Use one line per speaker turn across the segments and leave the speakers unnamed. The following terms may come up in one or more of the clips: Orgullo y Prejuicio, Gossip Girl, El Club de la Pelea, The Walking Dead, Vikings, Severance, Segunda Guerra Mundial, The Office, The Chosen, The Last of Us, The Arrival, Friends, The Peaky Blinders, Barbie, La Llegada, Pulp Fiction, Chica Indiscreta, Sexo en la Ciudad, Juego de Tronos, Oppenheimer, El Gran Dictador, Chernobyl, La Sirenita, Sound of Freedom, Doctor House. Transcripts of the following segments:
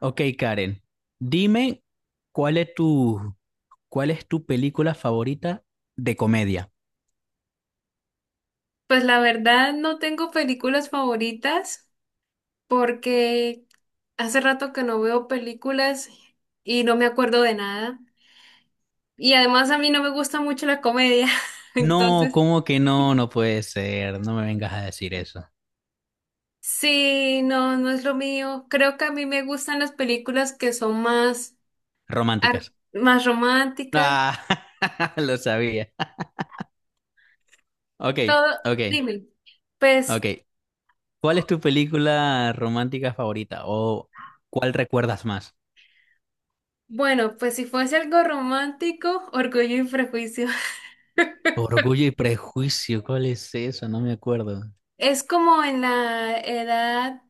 Ok, Karen, dime cuál es tu, cuál es tu película favorita de comedia.
Pues la verdad no tengo películas favoritas porque hace rato que no veo películas y no me acuerdo de nada. Y además a mí no me gusta mucho la comedia.
No,
Entonces,
¿cómo que no? No puede ser. No me vengas a decir eso.
sí, no, no es lo mío. Creo que a mí me gustan las películas que son más, ar-
Románticas.
más románticas.
Ah, lo sabía. Ok,
Todo,
ok,
dime. Pues
ok. ¿Cuál es tu película romántica favorita? ¿O cuál recuerdas más?
bueno, pues si fuese algo romántico, Orgullo y Prejuicio.
Orgullo y prejuicio, ¿cuál es eso? No me acuerdo.
Es como en la edad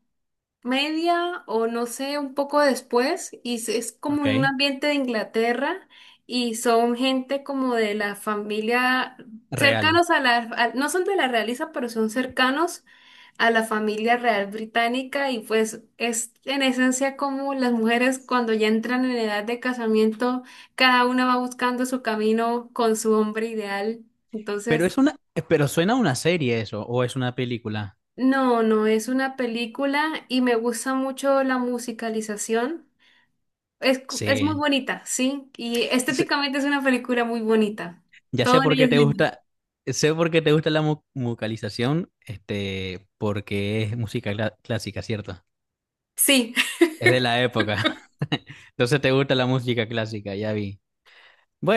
media o no sé, un poco después, y es como en un
Ok,
ambiente de Inglaterra y son gente como de la familia,
real.
cercanos a no son de la realeza, pero son cercanos a la familia real británica y pues es en esencia como las mujeres cuando ya entran en edad de casamiento, cada una va buscando su camino con su hombre ideal.
Pero
Entonces,
es una, pero suena a una serie eso, o es una película.
no, no es una película y me gusta mucho la musicalización. Es, es muy
Sí.
bonita, sí. Y
sé-
estéticamente es una película muy bonita.
ya sé
Todo en
por
ella
qué
es
te
lindo.
gusta, sé por qué te gusta la musicalización, porque es música clásica, ¿cierto?
Sí,
Es de la época. Entonces te gusta la música clásica, ya vi.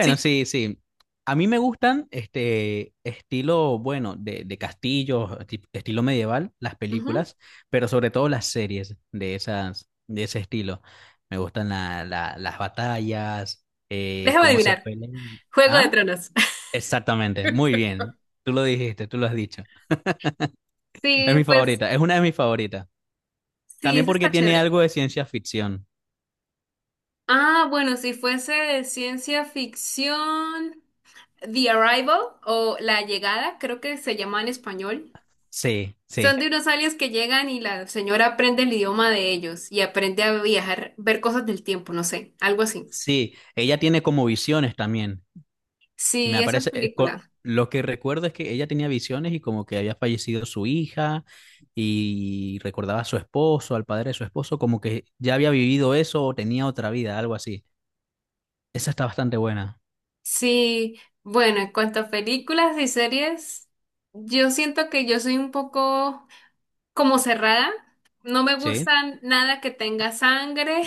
sí.
sí, sí. A mí me gustan este estilo, bueno, de castillos, estilo medieval, las
Ujú.
películas, pero sobre todo las series de esas, de ese estilo. Me gustan las batallas,
Déjame
cómo se
adivinar.
pelean.
Juego de
¿Ah?
Tronos.
Exactamente, muy bien. Tú lo dijiste, tú lo has dicho. Es
Sí,
mi
pues
favorita, es una de mis favoritas.
sí,
También
eso
porque
está
tiene
chévere.
algo de ciencia ficción.
Ah, bueno, si fuese de ciencia ficción, The Arrival o La Llegada, creo que se llama en español.
Sí,
Son
sí,
de unos aliens que llegan y la señora aprende el idioma de ellos y aprende a viajar, ver cosas del tiempo, no sé, algo así.
sí. Ella tiene como visiones también. Me
Sí, esa
aparece,
película.
lo que recuerdo es que ella tenía visiones y como que había fallecido su hija y recordaba a su esposo, al padre de su esposo, como que ya había vivido eso o tenía otra vida, algo así. Esa está bastante buena.
Sí, bueno, en cuanto a películas y series, yo siento que yo soy un poco como cerrada. No me gusta
Sí.
nada que tenga sangre,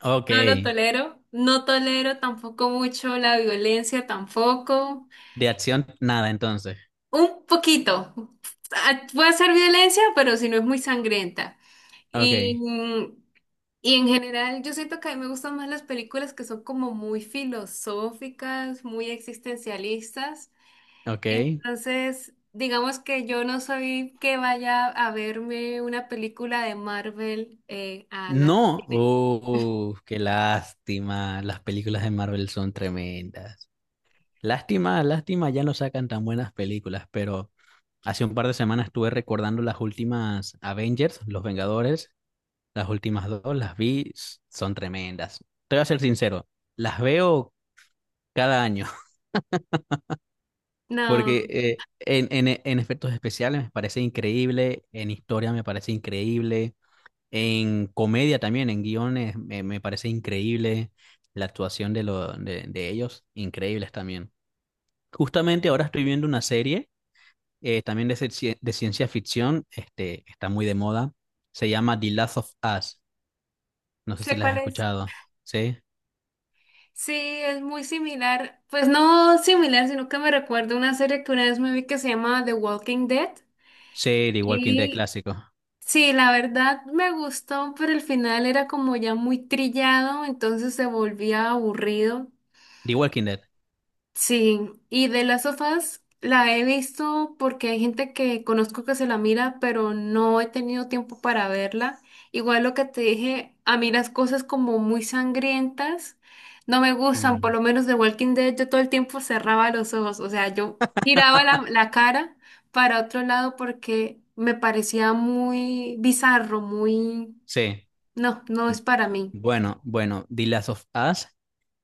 Ok.
no lo tolero. No tolero tampoco mucho la violencia, tampoco.
De acción, nada entonces.
Un poquito. Ah, puede ser violencia, pero si no es muy sangrienta. Y,
Ok,
mm, y en general, yo siento que a mí me gustan más las películas que son como muy filosóficas, muy existencialistas.
ok.
Entonces, digamos que yo no soy que vaya a verme una película de Marvel a la...
No, oh, qué lástima. Las películas de Marvel son tremendas. Lástima, lástima, ya no sacan tan buenas películas, pero hace un par de semanas estuve recordando las últimas Avengers, Los Vengadores, las últimas dos, las vi, son tremendas. Te voy a ser sincero, las veo cada año,
No,
porque en efectos especiales me parece increíble, en historia me parece increíble. En comedia también, en guiones, me parece increíble la actuación de ellos, increíbles también. Justamente ahora estoy viendo una serie también de ciencia ficción, está muy de moda, se llama The Last of Us, no sé si
sé
la has
cuál es.
escuchado, ¿sí?
Sí, es muy similar. Pues no similar, sino que me recuerda una serie que una vez me vi que se llama The Walking Dead.
Sí, The Walking Dead
Y
clásico.
sí, la verdad me gustó, pero el final era como ya muy trillado, entonces se volvía aburrido.
The Walking Dead.
Sí, y de las sofás la he visto porque hay gente que conozco que se la mira, pero no he tenido tiempo para verla. Igual lo que te dije, a mí las cosas como muy sangrientas no me gustan, por
Mm,
lo menos de Walking Dead yo todo el tiempo cerraba los ojos, o sea, yo giraba la cara para otro lado porque me parecía muy bizarro, muy...
sí,
No, no es para mí.
bueno, bueno. The Last of Us.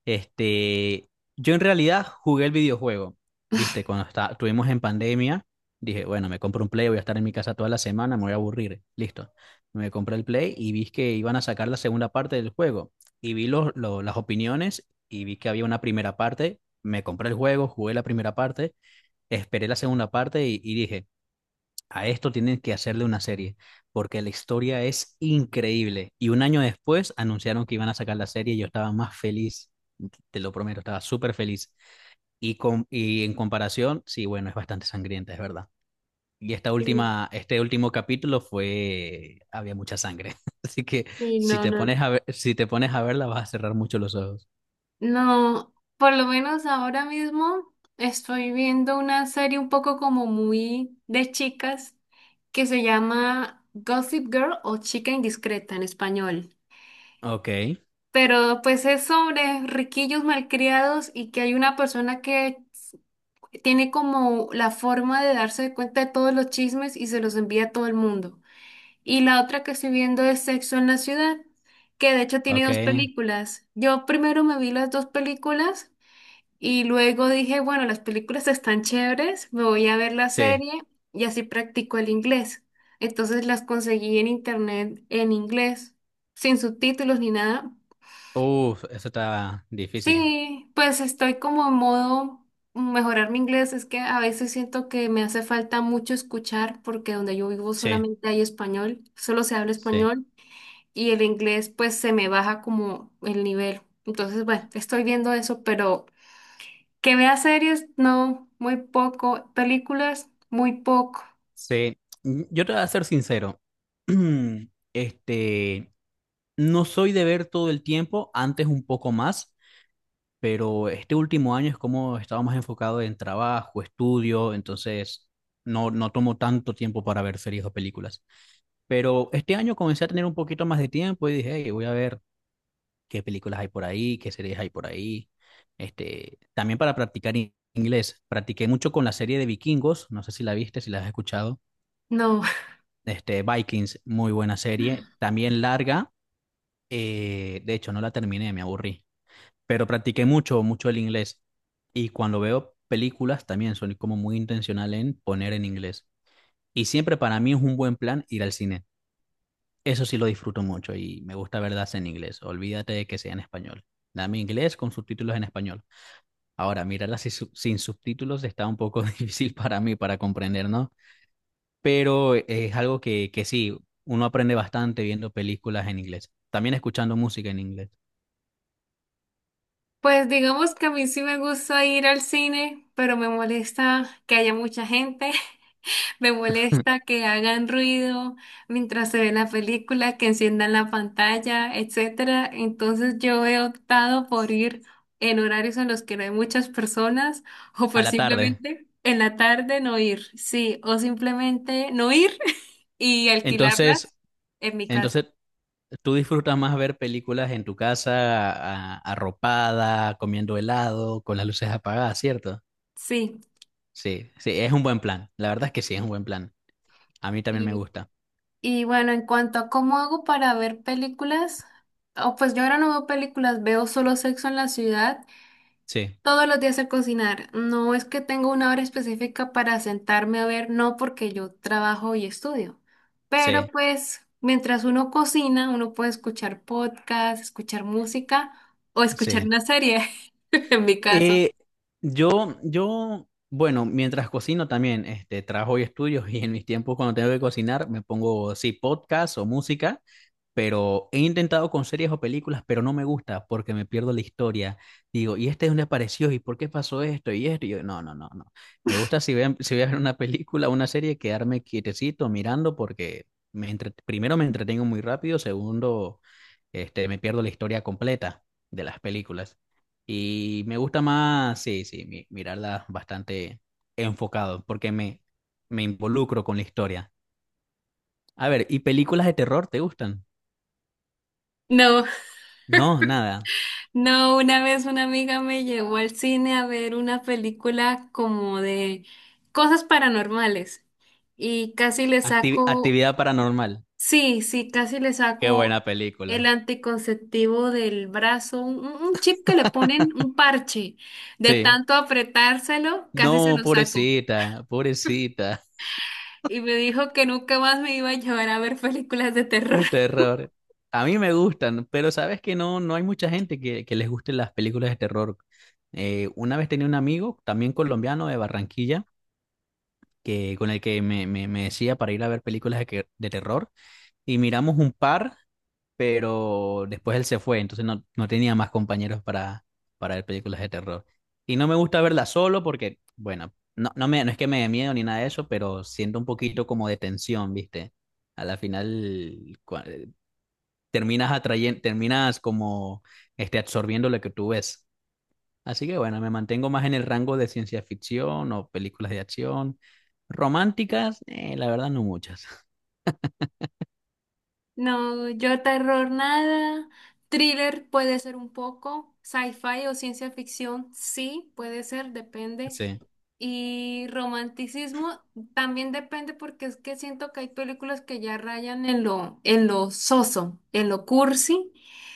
Este, yo en realidad jugué el videojuego, viste, cuando estuvimos en pandemia, dije, bueno, me compro un Play, voy a estar en mi casa toda la semana, me voy a aburrir, listo. Me compré el Play y vi que iban a sacar la segunda parte del juego y vi las opiniones y vi que había una primera parte, me compré el juego, jugué la primera parte, esperé la segunda parte y dije, a esto tienen que hacerle una serie, porque la historia es increíble. Y un año después anunciaron que iban a sacar la serie y yo estaba más feliz, te lo prometo, estaba súper feliz. Y en comparación, sí, bueno, es bastante sangrienta, es verdad. Y esta
Sí,
última, había mucha sangre. Así que
sí,
si
no,
te
no.
pones a ver, si te pones a verla, vas a cerrar mucho los ojos.
No, por lo menos ahora mismo estoy viendo una serie un poco como muy de chicas que se llama Gossip Girl o Chica Indiscreta en español.
Ok,
Pero pues es sobre riquillos malcriados y que hay una persona que tiene como la forma de darse cuenta de todos los chismes y se los envía a todo el mundo. Y la otra que estoy viendo es Sexo en la Ciudad, que de hecho tiene
ok,
dos películas. Yo primero me vi las dos películas. Y luego dije, bueno, las películas están chéveres, me voy a ver la
sí.
serie y así practico el inglés. Entonces las conseguí en internet en inglés, sin subtítulos ni nada.
Uf, eso está difícil.
Sí, pues estoy como en modo mejorar mi inglés. Es que a veces siento que me hace falta mucho escuchar porque donde yo vivo
Sí,
solamente hay español, solo se habla
sí.
español y el inglés pues se me baja como el nivel. Entonces, bueno, estoy viendo eso, pero... Que vea series, no, muy poco. Películas, muy poco.
Sí. Yo te voy a ser sincero. Este, no soy de ver todo el tiempo, antes un poco más, pero este último año es como estaba más enfocado en trabajo, estudio, entonces no tomo tanto tiempo para ver series o películas. Pero este año comencé a tener un poquito más de tiempo y dije, "Hey, voy a ver qué películas hay por ahí, qué series hay por ahí". También para practicar inglés. Practiqué mucho con la serie de Vikingos, no sé si la viste, si la has escuchado.
No.
Vikings, muy buena serie, también larga, de hecho no la terminé, me aburrí, pero practiqué mucho, mucho el inglés y cuando veo películas también soy como muy intencional en poner en inglés. Y siempre para mí es un buen plan ir al cine. Eso sí lo disfruto mucho y me gusta verlas en inglés. Olvídate de que sea en español. Dame inglés con subtítulos en español. Ahora, mirarlas sin subtítulos está un poco difícil para mí para comprender, ¿no? Pero es algo que sí, uno aprende bastante viendo películas en inglés, también escuchando música en inglés.
Pues digamos que a mí sí me gusta ir al cine, pero me molesta que haya mucha gente, me molesta que hagan ruido mientras se ve la película, que enciendan la pantalla, etcétera. Entonces yo he optado por ir en horarios en los que no hay muchas personas o
A
por
la tarde.
simplemente en la tarde no ir, sí, o simplemente no ir y alquilarlas
Entonces,
en mi casa.
entonces, tú disfrutas más ver películas en tu casa, arropada, comiendo helado, con las luces apagadas, ¿cierto?
Sí.
Sí, sí, es un buen plan. La verdad es que sí, es un buen plan. A mí también me
Y,
gusta.
y bueno, en cuanto a cómo hago para ver películas, oh, pues yo ahora no veo películas, veo solo Sexo en la Ciudad
Sí,
todos los días a cocinar. No es que tengo una hora específica para sentarme a ver, no porque yo trabajo y estudio. Pero
sí,
pues mientras uno cocina, uno puede escuchar podcast, escuchar música o escuchar
sí.
una serie, en mi caso.
Eh, yo, bueno, mientras cocino también, trabajo y estudios y en mis tiempos cuando tengo que cocinar me pongo, sí, podcast o música, pero he intentado con series o películas, pero no me gusta porque me pierdo la historia. Digo, ¿y este dónde apareció? ¿Y por qué pasó esto? Y esto, y yo, no, no, no, no. Me gusta si voy a ver una película o una serie, quedarme quietecito mirando porque primero me entretengo muy rápido, segundo, me pierdo la historia completa de las películas. Y me gusta más, sí, sí, mirarlas bastante enfocado, porque me involucro con la historia. A ver, ¿y películas de terror te gustan?
No,
No, nada.
no, una vez una amiga me llevó al cine a ver una película como de cosas paranormales y casi le saco,
Actividad paranormal.
sí, sí, casi le
Qué
saco
buena
el
película.
anticonceptivo del brazo, un chip que le ponen, un parche, de
Sí.
tanto apretárselo, casi se
No,
lo saco.
pobrecita, pobrecita.
Y me dijo que nunca más me iba a llevar a ver películas de terror.
Terror. A mí me gustan, pero sabes que no hay mucha gente que les gusten las películas de terror. Una vez tenía un amigo, también colombiano de Barranquilla, que, con el que me decía para ir a ver películas de terror y miramos un par, pero después él se fue, entonces no tenía más compañeros para, ver películas de terror. Y no me gusta verlas solo porque, bueno, no es que me dé miedo ni nada de eso, pero siento un poquito como de tensión, ¿viste? A la final cua- terminas terminas como absorbiendo lo que tú ves. Así que bueno, me mantengo más en el rango de ciencia ficción o películas de acción. Románticas, la verdad no muchas.
No, yo terror nada. Thriller puede ser un poco. Sci-fi o ciencia ficción, sí, puede ser, depende.
Sí,
Y romanticismo también depende porque es que siento que hay películas que ya rayan en lo soso, en lo cursi.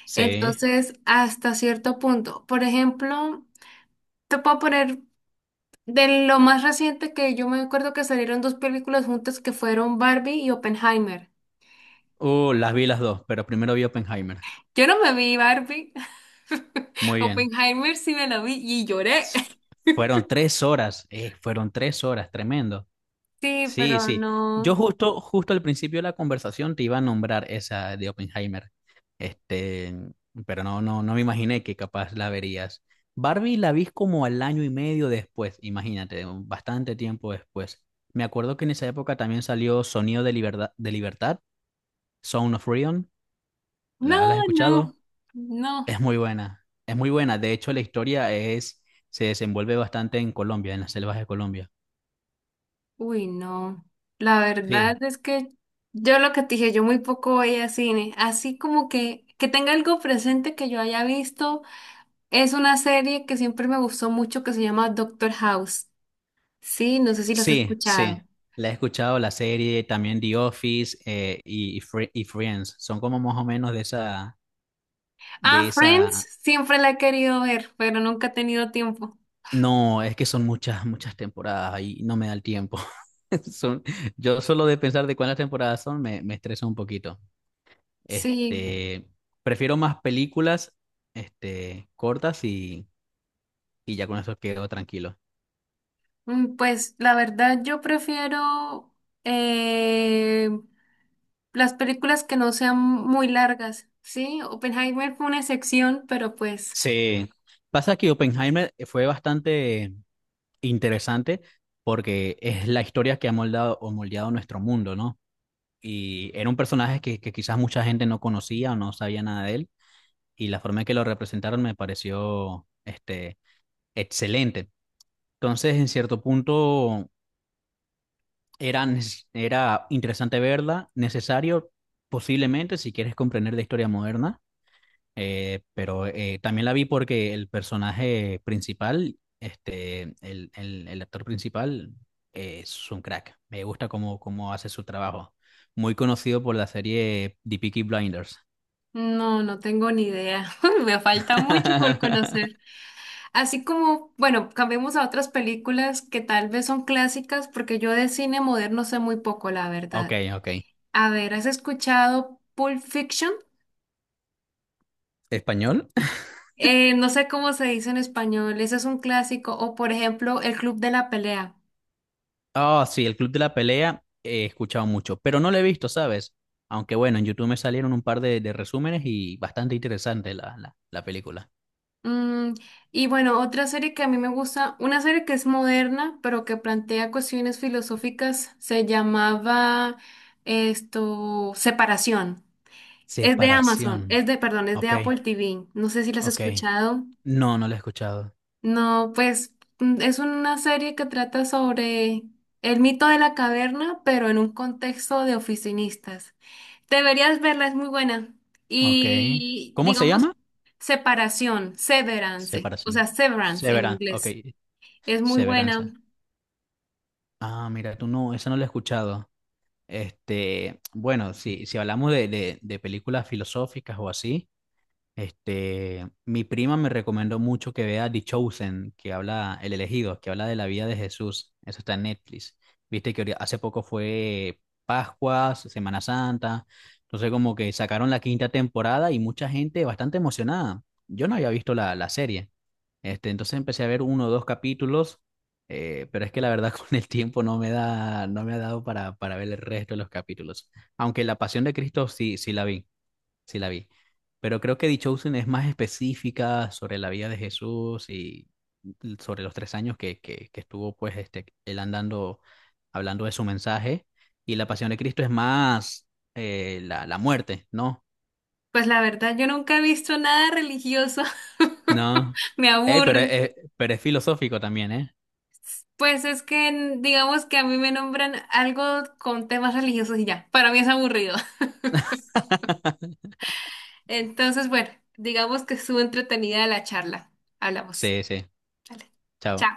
sí.
Entonces, hasta cierto punto. Por ejemplo, te puedo poner de lo más reciente que yo me acuerdo que salieron dos películas juntas que fueron Barbie y Oppenheimer.
Las vi las dos, pero primero vi Oppenheimer.
Yo no me vi Barbie.
Muy bien.
Oppenheimer sí me la vi y lloré.
S- Fueron 3 horas, fueron 3 horas, tremendo.
Sí,
Sí,
pero
sí. Yo
no.
justo, justo al principio de la conversación te iba a nombrar esa de Oppenheimer. Este, pero no me imaginé que capaz la verías. Barbie la vi como al año y medio después, imagínate, bastante tiempo después. Me acuerdo que en esa época también salió Sonido de Libertad, Sound of Freedom.
No,
¿La has
no,
escuchado?
no.
Es muy buena, es muy buena. De hecho, la historia se desenvuelve bastante en Colombia, en las selvas de Colombia.
Uy, no. La verdad
Sí.
es que yo lo que te dije, yo muy poco veía cine. Así como que tenga algo presente que yo haya visto. Es una serie que siempre me gustó mucho que se llama Doctor House. Sí, no sé si la has
Sí,
escuchado.
sí. La he escuchado la serie, también The Office y Friends. Son como más o menos de esa, de
Ah, Friends,
esa.
siempre la he querido ver, pero nunca he tenido tiempo.
No, es que son muchas, muchas temporadas y no me da el tiempo. Son, yo solo de pensar de cuántas temporadas son me estresa un poquito.
Sí.
Este, Prefiero más películas, cortas y ya con eso quedo tranquilo.
Pues la verdad yo prefiero eh, las películas que no sean muy largas, ¿sí? Oppenheimer fue una excepción, pero pues
Sí. Pasa que Oppenheimer fue bastante interesante porque es la historia que ha moldado o moldeado nuestro mundo, ¿no? Y era un personaje que quizás mucha gente no conocía o no sabía nada de él, y la forma en que lo representaron me pareció excelente. Entonces, en cierto punto, era interesante verla, necesario posiblemente si quieres comprender la historia moderna. Pero también la vi porque el personaje principal, el actor principal, es un crack. Me gusta cómo hace su trabajo. Muy conocido por la serie The Peaky Blinders.
no, no tengo ni idea. Me falta mucho por conocer. Así como, bueno, cambiemos a otras películas que tal vez son clásicas, porque yo de cine moderno sé muy poco, la
Ok,
verdad.
ok.
A ver, ¿has escuchado Pulp Fiction?
¿Español?
No sé cómo se dice en español, ese es un clásico, o por ejemplo, El Club de la Pelea.
Oh, sí, el Club de la Pelea he escuchado mucho, pero no lo he visto, ¿sabes? Aunque bueno, en YouTube me salieron un par de resúmenes y bastante interesante la película.
Mm, y bueno, otra serie que a mí me gusta, una serie que es moderna, pero que plantea cuestiones filosóficas, se llamaba esto, Separación. Es de Amazon,
Separación.
es de, perdón, es de
Ok,
Apple TV. No sé si la has
ok.
escuchado.
No, no lo he escuchado.
No, pues es una serie que trata sobre el mito de la caverna, pero en un contexto de oficinistas. Deberías verla, es muy buena.
Ok.
Y
¿Cómo se
digamos,
llama?
separación, severance, o sea,
Separación.
severance en
Severanza. Ok.
inglés. Es muy buena.
Severanza. Ah, mira, tú no, esa no la he escuchado. Bueno, si hablamos de películas filosóficas o así. Mi prima me recomendó mucho que vea The Chosen, que habla, El Elegido, que habla de la vida de Jesús. Eso está en Netflix. Viste que hace poco fue Pascuas, Semana Santa. Entonces como que sacaron la quinta temporada y mucha gente bastante emocionada. Yo no había visto la serie. Entonces empecé a ver uno o dos capítulos, pero es que la verdad con el tiempo no me ha dado para, ver el resto de los capítulos. Aunque La Pasión de Cristo sí, sí la vi. Pero creo que The Chosen es más específica sobre la vida de Jesús y sobre los 3 años que estuvo pues él andando, hablando de su mensaje. Y la pasión de Cristo es más la muerte, ¿no?
Pues la verdad, yo nunca he visto nada religioso.
No.
Me
Ey, pero,
aburre.
es- pero es filosófico también, ¿eh?
Pues es que en- digamos que a mí me nombran algo con temas religiosos y ya. Para mí es aburrido. Entonces, bueno, digamos que estuvo entretenida la charla. Hablamos.
Sí, sí.
Vale.
Chao.
Chao.